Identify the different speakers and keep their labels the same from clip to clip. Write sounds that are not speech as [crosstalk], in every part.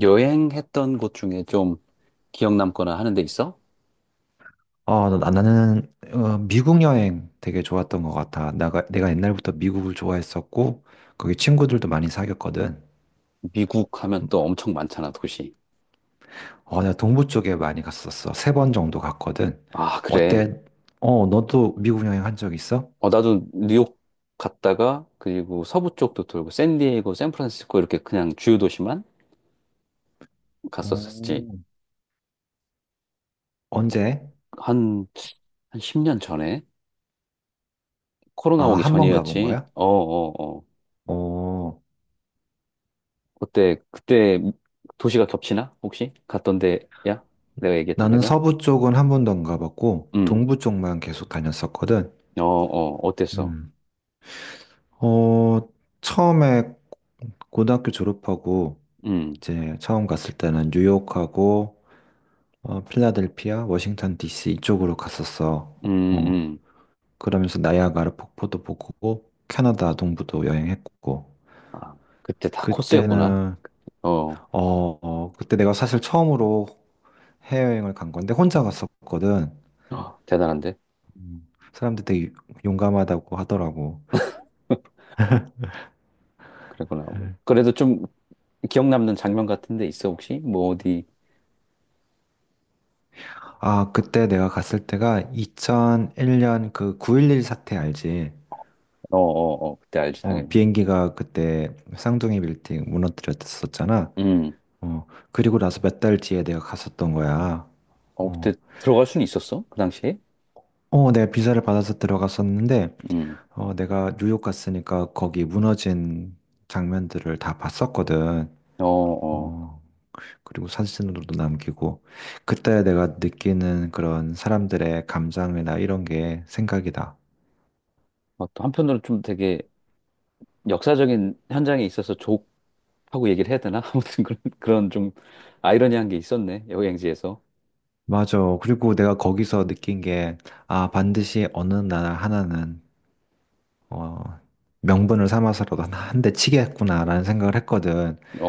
Speaker 1: 여행했던 곳 중에 좀 기억 남거나 하는 데 있어?
Speaker 2: 어, 나는 미국 여행 되게 좋았던 것 같아. 내가 옛날부터 미국을 좋아했었고, 거기 친구들도 많이 사귀었거든.
Speaker 1: 미국 하면 또 엄청 많잖아, 도시.
Speaker 2: 어, 내가 동부 쪽에 많이 갔었어. 세 번 정도 갔거든.
Speaker 1: 아, 그래.
Speaker 2: 어때? 어, 너도 미국 여행 한 적 있어?
Speaker 1: 어, 나도 뉴욕 갔다가 그리고 서부 쪽도 돌고 샌디에이고, 샌프란시스코 이렇게 그냥 주요 도시만 갔었었지.
Speaker 2: 오, 언제?
Speaker 1: 한, 한 10년 전에
Speaker 2: 아,
Speaker 1: 코로나 오기
Speaker 2: 한 번 가본
Speaker 1: 전이었지.
Speaker 2: 거야?
Speaker 1: 어, 어, 어.
Speaker 2: 어,
Speaker 1: 그때 도시가 겹치나? 혹시 갔던 데야? 내가 얘기했던
Speaker 2: 나는
Speaker 1: 데가?
Speaker 2: 서부 쪽은 한 번도 안 가봤고,
Speaker 1: 음.
Speaker 2: 동부 쪽만 계속 다녔었거든.
Speaker 1: 어, 어. 어땠어?
Speaker 2: 음, 어, 처음에 고등학교 졸업하고
Speaker 1: 음.
Speaker 2: 이제 처음 갔을 때는 뉴욕하고 필라델피아, 워싱턴 DC 이쪽으로 갔었어.
Speaker 1: 음,
Speaker 2: 어,
Speaker 1: 음.
Speaker 2: 그러면서 나이아가라 폭포도 보고 캐나다 동부도 여행했고
Speaker 1: 아, 그때 다 코스였구나.
Speaker 2: 그때는
Speaker 1: 어,
Speaker 2: 어, 그때 내가 사실 처음으로 해외여행을 간 건데 혼자 갔었거든.
Speaker 1: 어, 대단한데?
Speaker 2: 사람들 되게 용감하다고 하더라고.
Speaker 1: [laughs] 그랬구나. 뭐,
Speaker 2: 음.
Speaker 1: 그래도 좀 기억 남는 장면 같은 데 있어, 혹시? 뭐, 어디?
Speaker 2: 아, 그때 내가 갔을 때가 2001년 그 9.11 사태 알지?
Speaker 1: 어, 어, 어, 그때 알지,
Speaker 2: 어,
Speaker 1: 당연히.
Speaker 2: 비행기가 그때 쌍둥이 빌딩 무너뜨렸었잖아.
Speaker 1: 음,
Speaker 2: 어, 그리고 나서 몇 달 뒤에 내가 갔었던 거야.
Speaker 1: 어, 그때
Speaker 2: 어,
Speaker 1: 들어갈 수는 있었어? 그 당시에?
Speaker 2: 어, 내가 비자를 받아서 들어갔었는데,
Speaker 1: 음,
Speaker 2: 어, 내가 뉴욕 갔으니까 거기 무너진 장면들을 다 봤었거든.
Speaker 1: 어, 어.
Speaker 2: 어, 그리고 사진으로도 남기고, 그때 내가 느끼는 그런 사람들의 감정이나 이런 게 생각이다.
Speaker 1: 어, 또 한편으로는 좀 되게 역사적인 현장에 있어서 족하고 얘기를 해야 되나? [laughs] 아무튼 그런 좀 아이러니한 게 있었네, 여행지에서.
Speaker 2: 맞아. 그리고 내가 거기서 느낀 게, 아, 반드시 어느 날 하나는, 어, 명분을 삼아서라도 한 대 치겠구나라는 생각을 했거든.
Speaker 1: 어,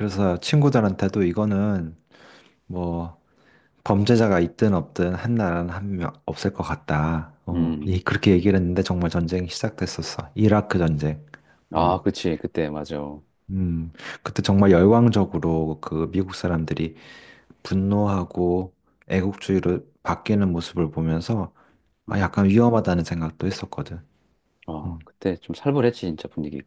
Speaker 1: 어,
Speaker 2: 친구들한테도 이거는 뭐 범죄자가 있든 없든 한 나라는 한 명 없을 것 같다. 어,
Speaker 1: 음.
Speaker 2: 그렇게 얘기를 했는데 정말 전쟁이 시작됐었어. 이라크 전쟁.
Speaker 1: 아,
Speaker 2: 어,
Speaker 1: 그치, 그때, 맞아.
Speaker 2: 음, 그때 정말 열광적으로 그 미국 사람들이 분노하고 애국주의로 바뀌는 모습을 보면서 아,
Speaker 1: 음.
Speaker 2: 약간 위험하다는 생각도 했었거든.
Speaker 1: 아,
Speaker 2: 음,
Speaker 1: 그때 좀 살벌했지, 진짜 분위기가.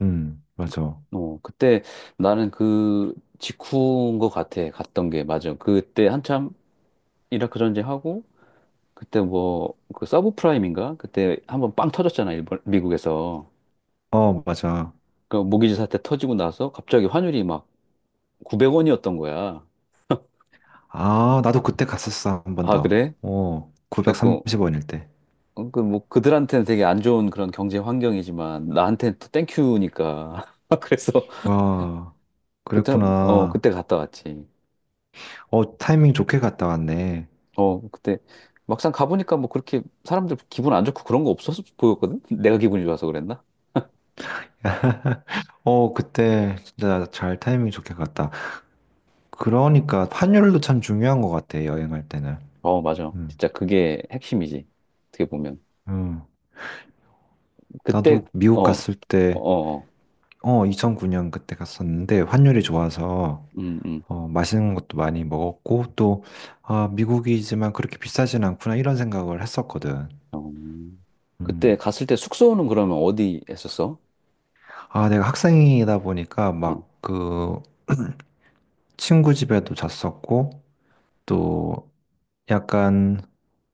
Speaker 1: 그-
Speaker 2: 맞아.
Speaker 1: 어, 그때 나는 그 직후인 것 같아. 갔던 게 맞아. 그때 한참 이라크 전쟁하고 그때 뭐 그 서브프라임인가? 그때 한번 빵 터졌잖아. 일본 미국에서.
Speaker 2: 어, 맞아.
Speaker 1: 그 모기지 사태 터지고 나서 갑자기 환율이 막 900원이었던 거야.
Speaker 2: 아, 나도 그때 갔었어. 한 번
Speaker 1: 아,
Speaker 2: 더.
Speaker 1: 그래?
Speaker 2: 어,
Speaker 1: 갖고
Speaker 2: 930원일 때.
Speaker 1: 그 뭐 그들한테는 되게 안 좋은 그런 경제 환경이지만 나한테는 또 땡큐니까. [laughs] 그래서
Speaker 2: 아,
Speaker 1: 그때 어
Speaker 2: 그랬구나.
Speaker 1: 그때 갔다 왔지.
Speaker 2: 어, 타이밍 좋게 갔다 왔네.
Speaker 1: 어, 그때 막상 가보니까 뭐 그렇게 사람들 기분 안 좋고 그런 거 없었어 보였거든? [laughs] 내가 기분이 좋아서 그랬나?
Speaker 2: 어, 그때 진짜 잘 타이밍 좋게 갔다. 그러니까 환율도 참 중요한 것 같아, 여행할 때는.
Speaker 1: 어, 맞아.
Speaker 2: 음,
Speaker 1: 진짜 그게 핵심이지. 어떻게 보면.
Speaker 2: 음.
Speaker 1: 그때,
Speaker 2: 나도
Speaker 1: 어,
Speaker 2: 미국
Speaker 1: 어,
Speaker 2: 갔을 때,
Speaker 1: 어, 어.
Speaker 2: 2009년 그때 갔었는데 환율이 좋아서
Speaker 1: 음, 음.
Speaker 2: 어, 맛있는 것도 많이 먹었고 또, 아, 미국이지만 그렇게 비싸진 않구나 이런 생각을 했었거든.
Speaker 1: 어. 그때
Speaker 2: 음.
Speaker 1: 갔을 때 숙소는 그러면 어디 했었어?
Speaker 2: 아, 내가 학생이다 보니까
Speaker 1: 어,
Speaker 2: 막 그 친구 집에도 잤었고 또 약간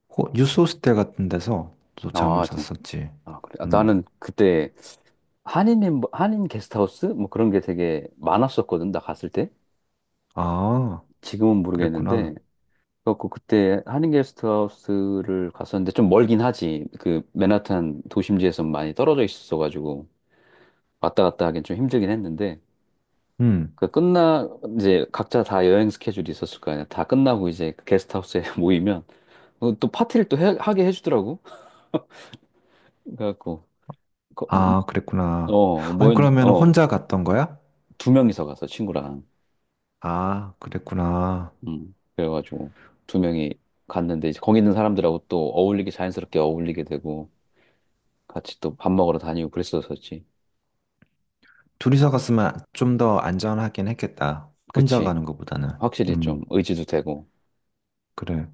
Speaker 2: 뉴스 호스텔 같은 데서 또 잠을
Speaker 1: 아, 진
Speaker 2: 잤었지.
Speaker 1: 아, 그래. 아,
Speaker 2: 음.
Speaker 1: 나는 그때 한인 게스트하우스? 뭐 그런 게 되게 많았었거든, 나 갔을 때.
Speaker 2: 아,
Speaker 1: 지금은 모르겠는데,
Speaker 2: 그랬구나.
Speaker 1: 그래갖고 그때 한인 게스트하우스를 갔었는데 좀 멀긴 하지. 그 맨하탄 도심지에서 많이 떨어져 있었어가지고 왔다 갔다 하긴 좀 힘들긴 했는데
Speaker 2: 음.
Speaker 1: 그 끝나 이제 각자 다 여행 스케줄이 있었을 거 아니야. 다 끝나고 이제 그 게스트하우스에 [laughs] 모이면 어, 또 파티를 또 하게 해주더라고. 그래갖고 거-
Speaker 2: 아, 그랬구나.
Speaker 1: 어
Speaker 2: 아니,
Speaker 1: 모였
Speaker 2: 그러면
Speaker 1: 어두
Speaker 2: 혼자 갔던 거야?
Speaker 1: 명이서 가서 친구랑
Speaker 2: 아, 그랬구나.
Speaker 1: 그래가지고 두 명이 갔는데 이제 거기 있는 사람들하고 또 어울리게 자연스럽게 어울리게 되고 같이 또 밥 먹으러 다니고 그랬었었지.
Speaker 2: 둘이서 갔으면 좀 더 안전하긴 했겠다. 혼자
Speaker 1: 그치.
Speaker 2: 가는 것보다는.
Speaker 1: 확실히 좀
Speaker 2: 음,
Speaker 1: 의지도 되고.
Speaker 2: 그래.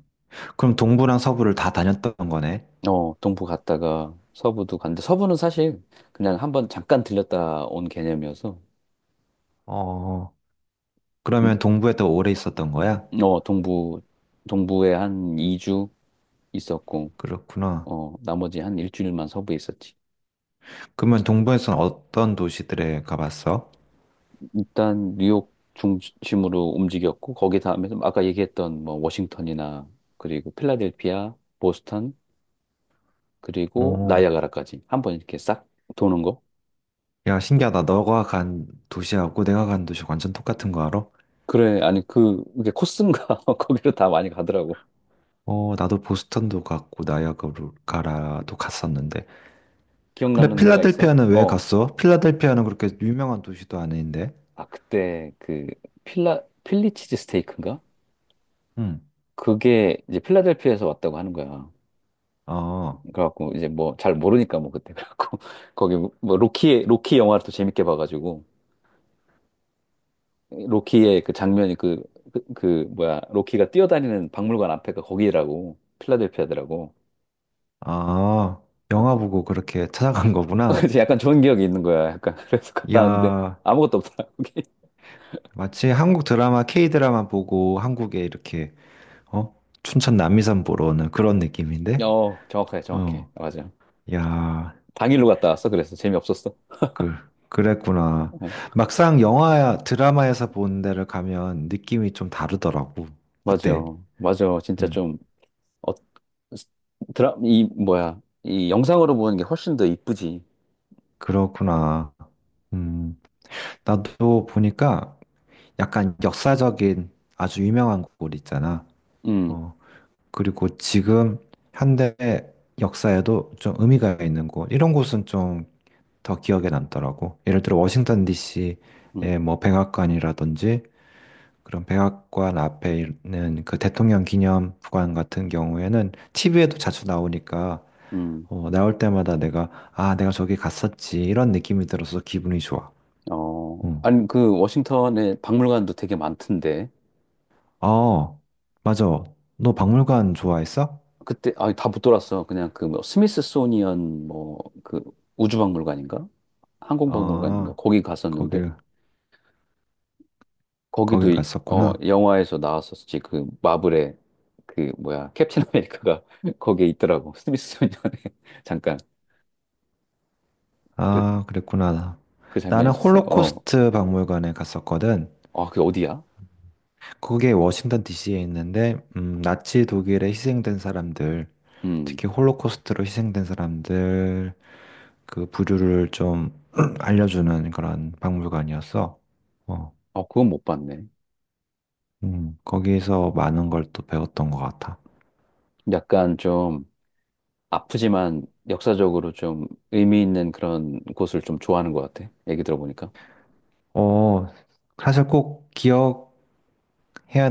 Speaker 2: 그럼 동부랑 서부를 다 다녔던 거네?
Speaker 1: 어, 동부 갔다가 서부도 갔는데, 서부는 사실 그냥 한번 잠깐 들렸다 온 개념이어서,
Speaker 2: 어,
Speaker 1: 근
Speaker 2: 그러면 동부에 더 오래 있었던 거야?
Speaker 1: 어, 동부에 한 2주 있었고,
Speaker 2: 그렇구나.
Speaker 1: 어, 나머지 한 일주일만 서부에 있었지.
Speaker 2: 그러면 동부에서는 어떤 도시들에 가봤어?
Speaker 1: 일단 뉴욕 중심으로 움직였고, 거기 다음에 좀 아까 얘기했던 뭐 워싱턴이나, 그리고 필라델피아, 보스턴, 그리고
Speaker 2: 어.
Speaker 1: 나이아가라까지 한 번 이렇게 싹 도는 거.
Speaker 2: 야, 신기하다. 너가 간 도시하고 내가 간 도시 완전 똑같은 거 알아?
Speaker 1: 그래, 아니, 그, 이게 코스인가? [laughs] 거기로 다 많이 가더라고.
Speaker 2: 어, 나도 보스턴도 갔고 나이아가라도 갔었는데.
Speaker 1: 기억
Speaker 2: 근데
Speaker 1: 남는 데가 있어?
Speaker 2: 필라델피아는 왜
Speaker 1: 어.
Speaker 2: 갔어? 필라델피아는 그렇게 유명한 도시도 아닌데.
Speaker 1: 아, 그때 그 필라 필리치즈 스테이크인가?
Speaker 2: 응.
Speaker 1: 그게 이제 필라델피아에서 왔다고 하는 거야.
Speaker 2: 어,
Speaker 1: 그래갖고 이제 뭐 잘 모르니까 뭐 그때 그래갖고 [laughs] 거기 뭐 로키 영화를 또 재밌게 봐가지고 로키의 그 장면이 그 뭐야 로키가 뛰어다니는 박물관 앞에가 거기라고 필라델피아더라고.
Speaker 2: 아, 영화
Speaker 1: 그래갖고
Speaker 2: 보고 그렇게 찾아간
Speaker 1: [laughs]
Speaker 2: 거구나.
Speaker 1: 이제 약간 좋은 기억이 있는 거야. 약간 [laughs] 그래서 갔다 왔는데
Speaker 2: 야,
Speaker 1: 아무것도 없더라. 거기.
Speaker 2: 마치 한국 드라마, K 드라마 보고 한국에 이렇게, 어? 춘천 남이섬 보러 오는 그런
Speaker 1: [laughs]
Speaker 2: 느낌인데?
Speaker 1: 어 정확해
Speaker 2: 어,
Speaker 1: 맞아.
Speaker 2: 야.
Speaker 1: 당일로 갔다 왔어. 그래서 재미없었어.
Speaker 2: 그, 그랬구나.
Speaker 1: 어.
Speaker 2: 막상 영화, 드라마에서 본 데를 가면 느낌이 좀 다르더라고. 어때?
Speaker 1: 맞아요. 진짜
Speaker 2: 음,
Speaker 1: 좀, 어, 드라, 이, 뭐야. 이 영상으로 보는 게 훨씬 더 이쁘지.
Speaker 2: 그렇구나. 음, 나도 보니까 약간 역사적인 아주 유명한 곳 있잖아.
Speaker 1: 음,
Speaker 2: 어, 그리고 지금 현대 역사에도 좀 의미가 있는 곳. 이런 곳은 좀 더 기억에 남더라고. 예를 들어 워싱턴 DC의
Speaker 1: 음,
Speaker 2: 뭐 백악관이라든지 그런 백악관 앞에 있는 그 대통령 기념관 같은 경우에는 TV에도 자주 나오니까
Speaker 1: 음.
Speaker 2: 어, 나올 때마다 내가 아 내가 저기 갔었지 이런 느낌이 들어서 기분이 좋아.
Speaker 1: 어,
Speaker 2: 응.
Speaker 1: 아니, 그, 워싱턴에 박물관도 되게 많던데.
Speaker 2: 어, 아, 맞아. 너 박물관 좋아했어?
Speaker 1: 그때, 아, 다 못 돌았어. 그냥 그, 뭐, 스미스소니언, 뭐, 그, 우주박물관인가? 항공박물관인가?
Speaker 2: 아,
Speaker 1: 거기 갔었는데,
Speaker 2: 거길
Speaker 1: 거기도,
Speaker 2: 거길
Speaker 1: 어,
Speaker 2: 갔었구나.
Speaker 1: 영화에서 나왔었지. 그, 마블의, 그, 뭐야, 캡틴 아메리카가 [laughs] 거기에 있더라고. 스미스소니언에. [laughs] 잠깐.
Speaker 2: 아, 그랬구나.
Speaker 1: 그 장면이
Speaker 2: 나는
Speaker 1: 있었어. 어.
Speaker 2: 홀로코스트 박물관에 갔었거든.
Speaker 1: 아, 그게 어디야?
Speaker 2: 그게 워싱턴 DC에 있는데 나치 독일에 희생된 사람들,
Speaker 1: 음.
Speaker 2: 특히 홀로코스트로 희생된 사람들 그 부류를 좀 [clears throat] 알려주는 그런 박물관이었어. 어,
Speaker 1: 어, 그건 못 봤네.
Speaker 2: 거기에서 많은 걸 또 배웠던 것 같아.
Speaker 1: 약간 좀 아프지만 역사적으로 좀 의미 있는 그런 곳을 좀 좋아하는 것 같아. 얘기 들어보니까.
Speaker 2: 어, 사실 꼭 기억해야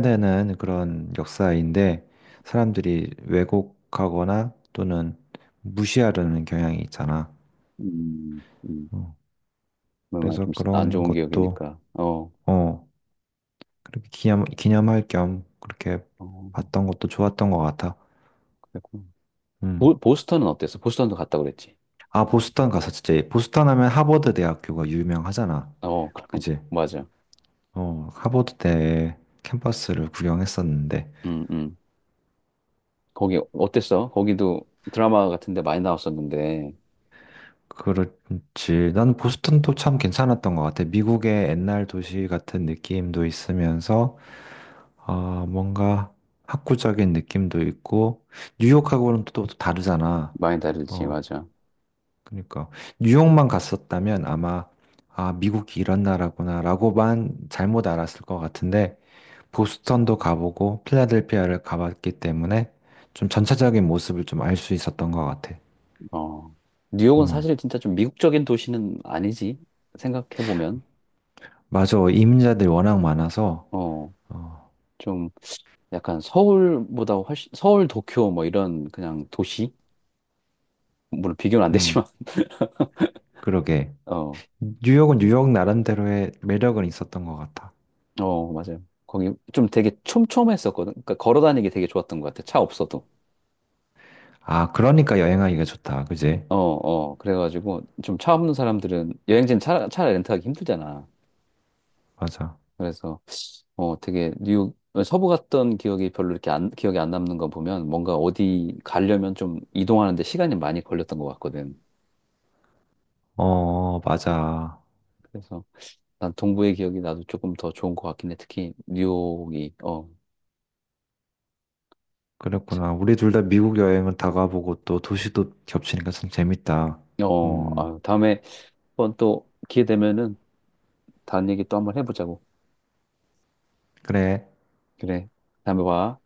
Speaker 2: 되는 그런 역사인데 사람들이 왜곡하거나 또는 무시하려는 경향이 있잖아.
Speaker 1: 음, 음.
Speaker 2: 어,
Speaker 1: 뭔가
Speaker 2: 그래서
Speaker 1: 좀안
Speaker 2: 그런
Speaker 1: 좋은
Speaker 2: 것도
Speaker 1: 기억이니까. 어.
Speaker 2: 어, 그렇게 기념할 겸 그렇게
Speaker 1: 어,
Speaker 2: 봤던 것도 좋았던 것 같아.
Speaker 1: 그랬구나.
Speaker 2: 음.
Speaker 1: 보스턴은 어땠어? 보스턴도 갔다고 그랬지.
Speaker 2: 아, 보스턴 가서 진짜, 보스턴 하면 하버드 대학교가 유명하잖아.
Speaker 1: 어, 그럼,
Speaker 2: 그지?
Speaker 1: [laughs] 맞아.
Speaker 2: 어, 하버드 대 캠퍼스를 구경했었는데.
Speaker 1: 음, 음. 거기 어땠어? 거기도 드라마 같은데 많이 나왔었는데.
Speaker 2: 그렇지. 난 보스턴도 참 괜찮았던 것 같아. 미국의 옛날 도시 같은 느낌도 있으면서, 아, 뭔가 학구적인 느낌도 있고, 뉴욕하고는 또, 또 다르잖아.
Speaker 1: 많이 다르지,
Speaker 2: 어,
Speaker 1: 맞아.
Speaker 2: 그러니까 뉴욕만 갔었다면 아마 아 미국이 이런 나라구나라고만 잘못 알았을 것 같은데 보스턴도 가보고 필라델피아를 가봤기 때문에 좀 전체적인 모습을 좀 알 수 있었던 것 같아.
Speaker 1: 어, 뉴욕은
Speaker 2: 어,
Speaker 1: 사실 진짜 좀 미국적인 도시는 아니지. 생각해보면.
Speaker 2: 맞아. 이민자들이 워낙 많아서
Speaker 1: 어,
Speaker 2: 어,
Speaker 1: 좀 약간 서울보다 훨씬, 서울, 도쿄 뭐 이런 그냥 도시? 물론 비교는 안
Speaker 2: 음,
Speaker 1: 되지만.
Speaker 2: 그러게.
Speaker 1: [laughs] 어,
Speaker 2: 뉴욕은 뉴욕 나름대로의 매력은 있었던 것 같아.
Speaker 1: 어, 맞아요. 거기 좀 되게 촘촘했었거든. 그러니까 걸어 다니기 되게 좋았던 것 같아. 차 없어도.
Speaker 2: 아, 그러니까 여행하기가 좋다. 그지?
Speaker 1: 어, 어. 그래가지고 좀 차 없는 사람들은 여행지는 차 렌트하기 힘들잖아.
Speaker 2: 맞아.
Speaker 1: 그래서 어, 되게 뉴욕 서부 갔던 기억이 별로 이렇게 안, 기억에 안 남는 거 보면 뭔가 어디 가려면 좀 이동하는데 시간이 많이 걸렸던 것 같거든.
Speaker 2: 어, 맞아.
Speaker 1: 그래서 난 동부의 기억이 나도 조금 더 좋은 것 같긴 해. 특히 뉴욕이 어, 참.
Speaker 2: 그랬구나. 우리 둘 다 미국 여행은 다 가보고 또 도시도 겹치니까 참 재밌다.
Speaker 1: 어,
Speaker 2: 음,
Speaker 1: 아유, 다음에 한번 또 기회 되면은 다른 얘기 또 한번 해보자고.
Speaker 2: 그래.
Speaker 1: 그래, 다음에 봐.